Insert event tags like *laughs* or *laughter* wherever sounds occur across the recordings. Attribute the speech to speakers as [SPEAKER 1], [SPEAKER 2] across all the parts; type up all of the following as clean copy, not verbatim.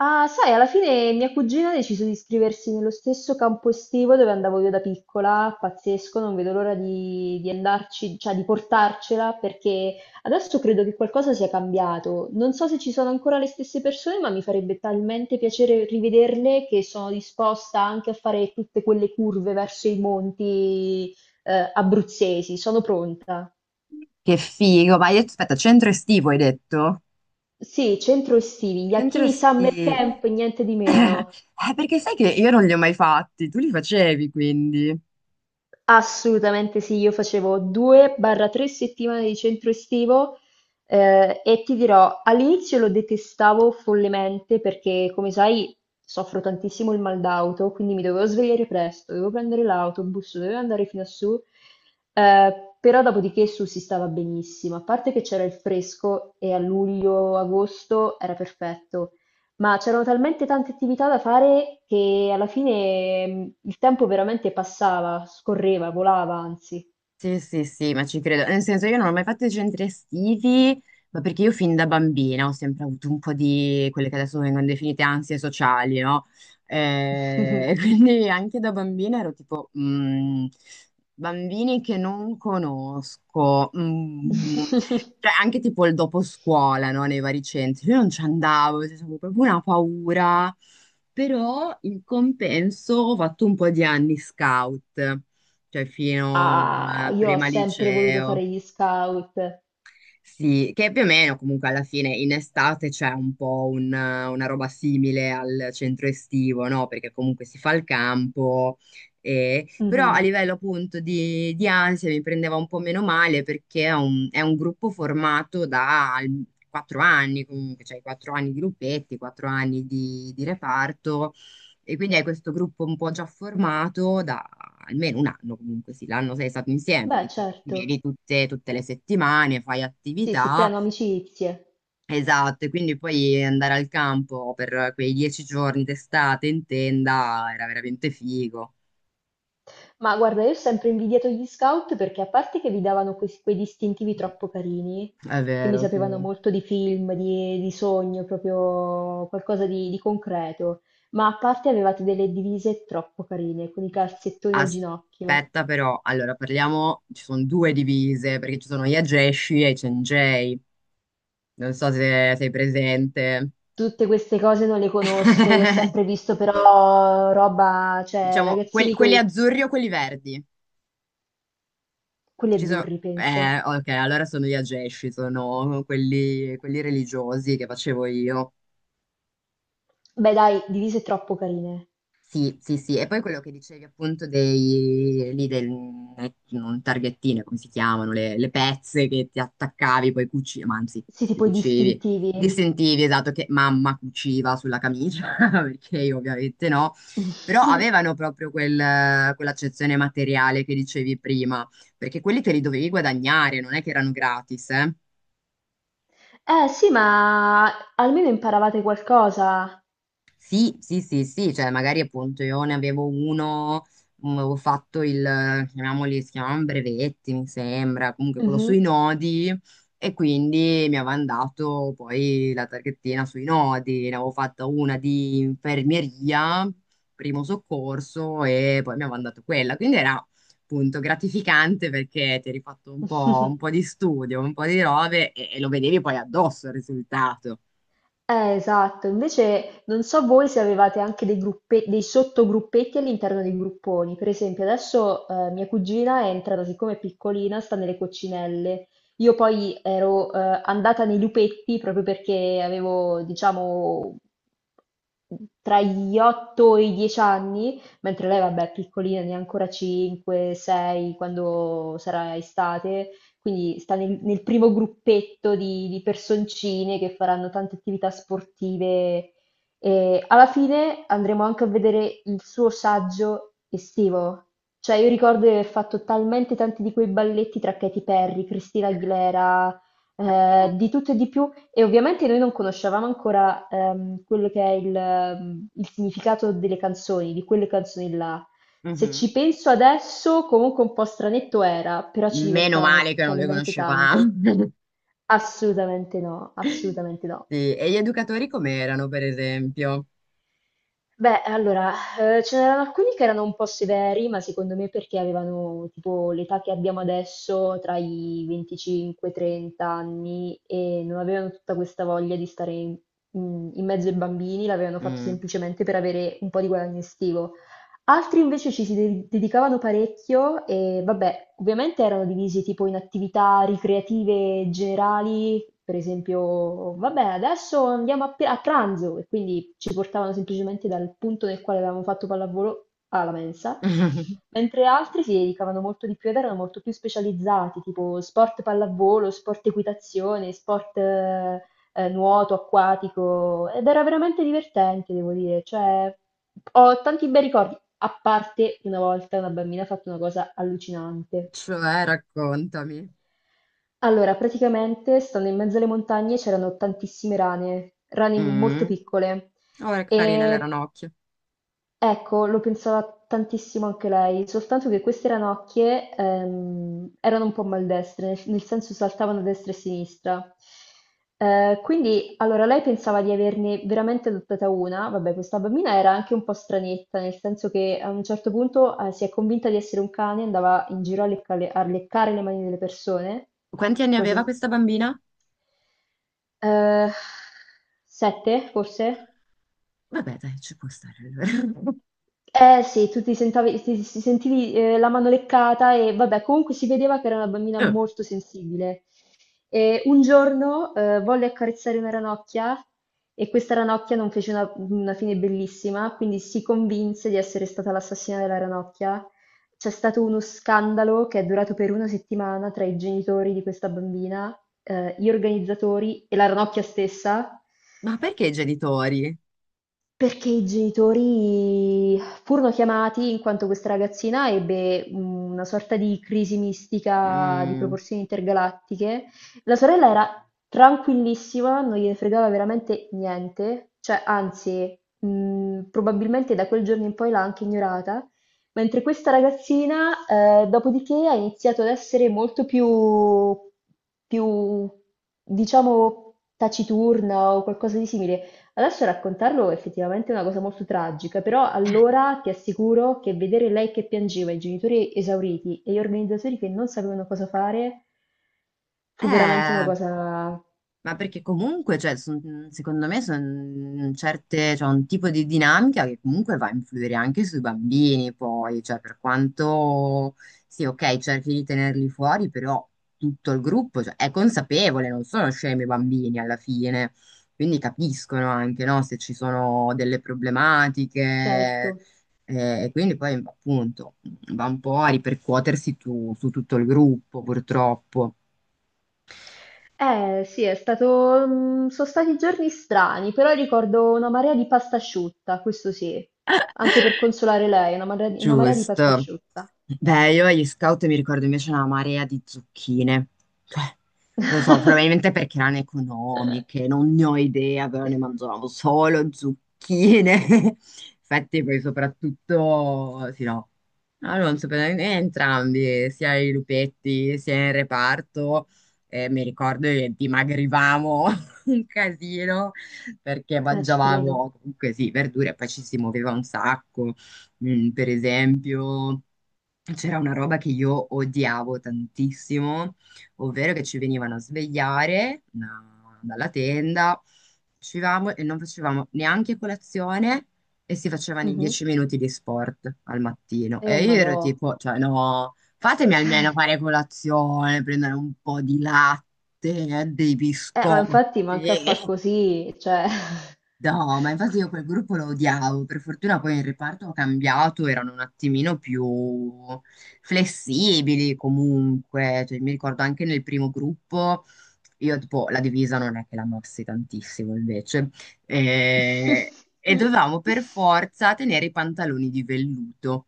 [SPEAKER 1] Ah, sai, alla fine mia cugina ha deciso di iscriversi nello stesso campo estivo dove andavo io da piccola, pazzesco, non vedo l'ora di andarci, cioè di portarcela, perché adesso credo che qualcosa sia cambiato. Non so se ci sono ancora le stesse persone, ma mi farebbe talmente piacere rivederle che sono disposta anche a fare tutte quelle curve verso i monti, abruzzesi, sono pronta.
[SPEAKER 2] Che figo, ma hai detto, aspetta, centro estivo hai detto?
[SPEAKER 1] Sì, centro estivi, gli
[SPEAKER 2] Centro
[SPEAKER 1] Acchini Summer
[SPEAKER 2] estivo. *coughs*
[SPEAKER 1] Camp, niente di
[SPEAKER 2] *laughs*
[SPEAKER 1] meno.
[SPEAKER 2] Perché sai che io non li ho mai fatti, tu li facevi quindi.
[SPEAKER 1] Assolutamente sì, io facevo 2-3 settimane di centro estivo, e ti dirò, all'inizio lo detestavo follemente perché, come sai, soffro tantissimo il mal d'auto, quindi mi dovevo svegliare presto, dovevo prendere l'autobus, dovevo andare fino a su, eh, però dopodiché su si stava benissimo, a parte che c'era il fresco e a luglio-agosto era perfetto. Ma c'erano talmente tante attività da fare che alla fine il tempo veramente passava, scorreva, volava, anzi.
[SPEAKER 2] Sì, sì, sì, ma ci credo. Nel senso, io non ho mai fatto i centri estivi, ma perché io fin da bambina ho sempre avuto un po' di quelle che adesso vengono definite ansie sociali, no? *laughs* Quindi anche da bambina ero tipo, bambini che non conosco,
[SPEAKER 1] *laughs*
[SPEAKER 2] cioè anche tipo il dopo scuola, no? Nei vari centri. Io non ci andavo, cioè, avevo proprio una paura, però in compenso ho fatto un po' di anni scout, cioè fino
[SPEAKER 1] Ah,
[SPEAKER 2] a
[SPEAKER 1] io ho
[SPEAKER 2] prima
[SPEAKER 1] sempre voluto
[SPEAKER 2] liceo.
[SPEAKER 1] fare gli scout.
[SPEAKER 2] Sì, che più o meno comunque alla fine in estate c'è un po' una roba simile al centro estivo, no? Perché comunque si fa il campo, però a
[SPEAKER 1] Mhm.
[SPEAKER 2] livello appunto di ansia mi prendeva un po' meno male perché è un gruppo formato da 4 anni comunque, cioè 4 anni di gruppetti, 4 anni di reparto. E quindi hai questo gruppo un po' già formato da almeno un anno, comunque sì, l'anno sei stato insieme
[SPEAKER 1] Beh,
[SPEAKER 2] perché ti
[SPEAKER 1] certo.
[SPEAKER 2] vedi tutte le settimane, fai
[SPEAKER 1] Sì, si
[SPEAKER 2] attività,
[SPEAKER 1] creano amicizie.
[SPEAKER 2] esatto, e quindi poi andare al campo per quei 10 giorni d'estate in tenda era veramente figo.
[SPEAKER 1] Ma guarda, io ho sempre invidiato gli scout perché a parte che vi davano quei distintivi troppo carini,
[SPEAKER 2] È
[SPEAKER 1] che mi
[SPEAKER 2] vero,
[SPEAKER 1] sapevano
[SPEAKER 2] sì.
[SPEAKER 1] molto di film, di sogno, proprio qualcosa di concreto, ma a parte avevate delle divise troppo carine, con i calzettoni al ginocchio.
[SPEAKER 2] Aspetta però, allora parliamo, ci sono due divise perché ci sono gli Ageshi e i Cengei, non so se sei presente.
[SPEAKER 1] Tutte queste cose non le conosco, io ho
[SPEAKER 2] *laughs*
[SPEAKER 1] sempre visto però roba, cioè
[SPEAKER 2] Diciamo quelli,
[SPEAKER 1] ragazzini con
[SPEAKER 2] quelli azzurri o quelli verdi.
[SPEAKER 1] quelli
[SPEAKER 2] Ci sono...
[SPEAKER 1] azzurri, penso.
[SPEAKER 2] Ok, allora sono gli ageshi, sono quelli religiosi che facevo io.
[SPEAKER 1] Beh, dai, divise troppo carine.
[SPEAKER 2] Sì, sì, sì. E poi quello che dicevi appunto dei... lì del... non targhettine, come si chiamano, le pezze che ti attaccavi, poi cucivi, ma anzi,
[SPEAKER 1] Sì,
[SPEAKER 2] ti
[SPEAKER 1] tipo i
[SPEAKER 2] cucivi.
[SPEAKER 1] distintivi.
[SPEAKER 2] Ti sentivi, esatto, che mamma cuciva sulla camicia, *laughs* perché io ovviamente no. Però
[SPEAKER 1] *laughs*
[SPEAKER 2] avevano proprio quell'accezione materiale che dicevi prima, perché quelli te li dovevi guadagnare, non è che erano gratis, eh.
[SPEAKER 1] Eh sì, ma almeno imparavate qualcosa.
[SPEAKER 2] Sì, sì, sì, sì, cioè magari appunto io ne avevo uno, avevo fatto chiamiamoli, si chiamavano brevetti, mi sembra, comunque quello
[SPEAKER 1] Mhm.
[SPEAKER 2] sui nodi e quindi mi avevano dato poi la targhettina sui nodi, ne avevo fatta una di infermieria, primo soccorso e poi mi avevano dato quella, quindi era appunto gratificante perché ti eri fatto un po'
[SPEAKER 1] *laughs*
[SPEAKER 2] di studio, un po' di robe e lo vedevi poi addosso il risultato.
[SPEAKER 1] Esatto. Invece non so voi se avevate anche dei dei sottogruppetti all'interno dei grupponi. Per esempio, adesso mia cugina è entrata, siccome è piccolina, sta nelle coccinelle. Io poi ero andata nei lupetti proprio perché avevo, diciamo, tra gli 8 e i 10 anni, mentre lei, vabbè, è piccolina, ne ha ancora 5, 6, quando sarà estate. Quindi sta nel primo gruppetto di personcine che faranno tante attività sportive. E alla fine andremo anche a vedere il suo saggio estivo. Cioè, io ricordo di aver fatto talmente tanti di quei balletti tra Katy Perry, Christina Aguilera, di tutto e di più. E ovviamente noi non conoscevamo ancora quello che è il significato delle canzoni, di quelle canzoni là. Se ci
[SPEAKER 2] Mhm.
[SPEAKER 1] penso adesso, comunque un po' stranetto era, però ci
[SPEAKER 2] Meno
[SPEAKER 1] divertavamo
[SPEAKER 2] male che non le
[SPEAKER 1] talmente
[SPEAKER 2] conoscevamo.
[SPEAKER 1] tanto.
[SPEAKER 2] *laughs*
[SPEAKER 1] Assolutamente no, assolutamente no.
[SPEAKER 2] Sì, e gli educatori com'erano, per esempio?
[SPEAKER 1] Beh, allora, ce n'erano alcuni che erano un po' severi, ma secondo me perché avevano tipo l'età che abbiamo adesso, tra i 25 e i 30 anni, e non avevano tutta questa voglia di stare in mezzo ai bambini, l'avevano fatto
[SPEAKER 2] Mm.
[SPEAKER 1] semplicemente per avere un po' di guadagno estivo. Altri invece ci si dedicavano parecchio e vabbè, ovviamente erano divisi tipo in attività ricreative generali, per esempio, vabbè, adesso andiamo a, a pranzo e quindi ci portavano semplicemente dal punto nel quale avevamo fatto pallavolo alla mensa,
[SPEAKER 2] *laughs*
[SPEAKER 1] mentre altri si dedicavano molto di più ed erano molto più specializzati, tipo sport pallavolo, sport equitazione, sport nuoto acquatico ed era veramente divertente, devo dire. Cioè, ho tanti bei ricordi, a parte una volta una bambina ha fatto una cosa allucinante.
[SPEAKER 2] Cioè, raccontami.
[SPEAKER 1] Allora, praticamente, stando in mezzo alle montagne c'erano tantissime rane, rane molto
[SPEAKER 2] Mm.
[SPEAKER 1] piccole.
[SPEAKER 2] Oh, che carine le
[SPEAKER 1] E
[SPEAKER 2] ranocchie.
[SPEAKER 1] ecco, lo pensava tantissimo anche lei, soltanto che queste ranocchie erano un po' maldestre, nel senso saltavano a destra e a sinistra. Quindi, allora, lei pensava di averne veramente adottata una. Vabbè, questa bambina era anche un po' stranetta, nel senso che a un certo punto si è convinta di essere un cane, andava in giro a leccare le mani delle persone,
[SPEAKER 2] Quanti anni aveva
[SPEAKER 1] così.
[SPEAKER 2] questa bambina?
[SPEAKER 1] Eh, sette, forse?
[SPEAKER 2] Vabbè, dai, ci può stare allora. *laughs*
[SPEAKER 1] Eh sì, tu ti sentavi- ti- ti sentivi la mano leccata e vabbè, comunque si vedeva che era una bambina
[SPEAKER 2] Eh,
[SPEAKER 1] molto sensibile. E un giorno volle accarezzare una ranocchia e questa ranocchia non fece una fine bellissima, quindi si convinse di essere stata l'assassina della ranocchia. C'è stato uno scandalo che è durato per una settimana tra i genitori di questa bambina, gli organizzatori e la ranocchia stessa.
[SPEAKER 2] ma perché i genitori?
[SPEAKER 1] Perché i genitori furono chiamati in quanto questa ragazzina ebbe una sorta di crisi mistica di
[SPEAKER 2] Mm.
[SPEAKER 1] proporzioni intergalattiche. La sorella era tranquillissima, non gliene fregava veramente niente, cioè anzi, probabilmente da quel giorno in poi l'ha anche ignorata, mentre questa ragazzina, dopodiché ha iniziato ad essere molto più, più, diciamo, taciturna o qualcosa di simile. Adesso raccontarlo effettivamente è effettivamente una cosa molto tragica, però allora ti assicuro che vedere lei che piangeva, i genitori esauriti e gli organizzatori che non sapevano cosa fare, fu veramente una
[SPEAKER 2] Eh.
[SPEAKER 1] cosa...
[SPEAKER 2] Ma perché comunque, cioè, secondo me, sono certe, cioè, un tipo di dinamica che comunque va a influire anche sui bambini, poi, cioè, per quanto, sì, ok, cerchi di tenerli fuori, però tutto il gruppo, cioè, è consapevole, non sono scemi i bambini alla fine, quindi capiscono anche, no, se ci sono delle
[SPEAKER 1] Certo.
[SPEAKER 2] problematiche, e quindi poi, appunto, va un po' a ripercuotersi su tutto il gruppo, purtroppo.
[SPEAKER 1] Eh sì, è stato... sono stati giorni strani, però ricordo una marea di pasta asciutta, questo sì, anche per consolare lei, una marea di pasta
[SPEAKER 2] Giusto.
[SPEAKER 1] asciutta.
[SPEAKER 2] Beh, io agli scout mi ricordo invece una marea di zucchine. Cioè, non so,
[SPEAKER 1] *laughs*
[SPEAKER 2] probabilmente perché erano economiche, non ne ho idea, però ne mangiavamo solo zucchine. *laughs* Infatti poi soprattutto, sì no, no, non so, entrambi, sia i lupetti sia il reparto, mi ricordo che dimagrivamo *laughs* un casino perché
[SPEAKER 1] Ci credo.
[SPEAKER 2] mangiavamo comunque sì, verdure e poi ci si muoveva un sacco. Mm, per esempio, c'era una roba che io odiavo tantissimo, ovvero che ci venivano a svegliare dalla tenda, uscivamo e non facevamo neanche colazione e si facevano i
[SPEAKER 1] Mhm.
[SPEAKER 2] 10 minuti di sport al mattino. E io ero
[SPEAKER 1] Madò.
[SPEAKER 2] tipo, cioè no, fatemi
[SPEAKER 1] *laughs*
[SPEAKER 2] almeno
[SPEAKER 1] Cioè,
[SPEAKER 2] fare colazione, prendere un po' di latte, dei
[SPEAKER 1] eh, ma
[SPEAKER 2] biscotti.
[SPEAKER 1] infatti manca a fa
[SPEAKER 2] *laughs*
[SPEAKER 1] così, cioè...
[SPEAKER 2] No, ma infatti io quel gruppo lo odiavo, per fortuna poi in reparto ho cambiato, erano un attimino più flessibili comunque, cioè, mi ricordo anche nel primo gruppo, io tipo la divisa non è che la mossi tantissimo invece, e dovevamo per
[SPEAKER 1] *laughs*
[SPEAKER 2] forza tenere i pantaloni di velluto.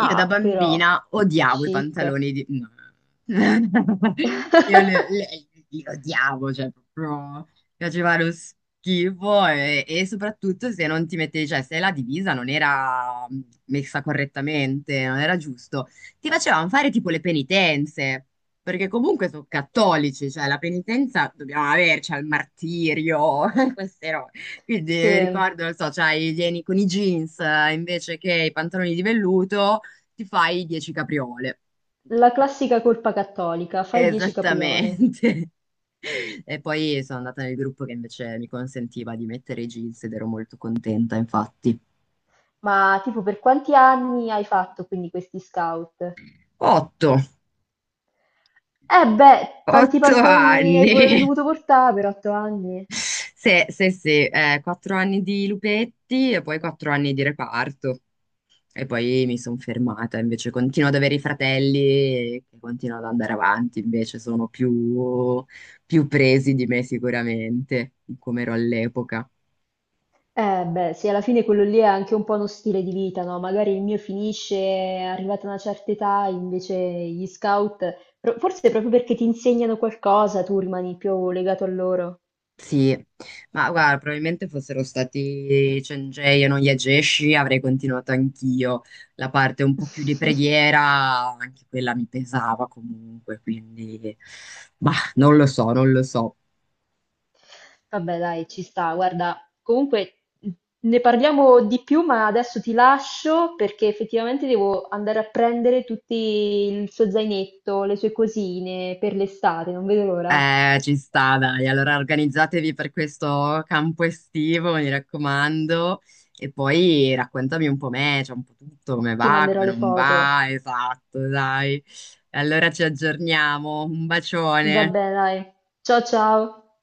[SPEAKER 2] Io da
[SPEAKER 1] Ah, però,
[SPEAKER 2] bambina odiavo i
[SPEAKER 1] chic.
[SPEAKER 2] pantaloni di... no. *laughs* Io li,
[SPEAKER 1] *laughs*
[SPEAKER 2] li- li odiavo, cioè proprio mi facevano schifo e soprattutto se non ti mettevi, cioè se la divisa non era messa correttamente, non era giusto, ti facevano fare tipo le penitenze, perché comunque sono cattolici, cioè la penitenza dobbiamo averci al martirio, *laughs* queste robe. Quindi mi
[SPEAKER 1] Sì,
[SPEAKER 2] ricordo, non so, c'hai i vieni con i jeans invece che i pantaloni di velluto ti fai 10 capriole.
[SPEAKER 1] la classica colpa cattolica, fai 10 capriole.
[SPEAKER 2] Esattamente. *laughs* E poi sono andata nel gruppo che invece mi consentiva di mettere i jeans ed ero molto contenta, infatti.
[SPEAKER 1] Ma tipo per quanti anni hai fatto quindi questi scout?
[SPEAKER 2] 8.
[SPEAKER 1] Eh beh, tanti
[SPEAKER 2] 8
[SPEAKER 1] pantaloni hai
[SPEAKER 2] anni.
[SPEAKER 1] pure
[SPEAKER 2] *laughs*
[SPEAKER 1] dovuto portare per 8 anni.
[SPEAKER 2] Sì, sì, sì, 4 anni di lupetti e poi 4 anni di reparto. E poi mi sono fermata, invece continuo ad avere i fratelli che continuano ad andare avanti, invece sono più, più presi di me sicuramente, come ero all'epoca.
[SPEAKER 1] Beh, sì, alla fine quello lì è anche un po' uno stile di vita, no? Magari il mio finisce, è arrivata a una certa età, invece gli scout, forse proprio perché ti insegnano qualcosa, tu rimani più legato a loro.
[SPEAKER 2] Sì, ma guarda, probabilmente fossero stati Cengiei e non Yageshi, avrei continuato anch'io. La parte un po' più di
[SPEAKER 1] *laughs*
[SPEAKER 2] preghiera, anche quella mi pesava comunque, quindi... Bah, non lo so, non lo so.
[SPEAKER 1] Vabbè, dai, ci sta. Guarda, comunque ne parliamo di più, ma adesso ti lascio perché effettivamente devo andare a prendere tutti il suo zainetto, le sue cosine per l'estate, non vedo l'ora.
[SPEAKER 2] Ci sta, dai. Allora organizzatevi per questo campo estivo, mi raccomando. E poi raccontami un po' me, cioè un po' tutto, come
[SPEAKER 1] Ti
[SPEAKER 2] va, come
[SPEAKER 1] manderò le
[SPEAKER 2] non
[SPEAKER 1] foto.
[SPEAKER 2] va, esatto, dai. Allora ci aggiorniamo. Un bacione.
[SPEAKER 1] Vabbè dai, ciao ciao!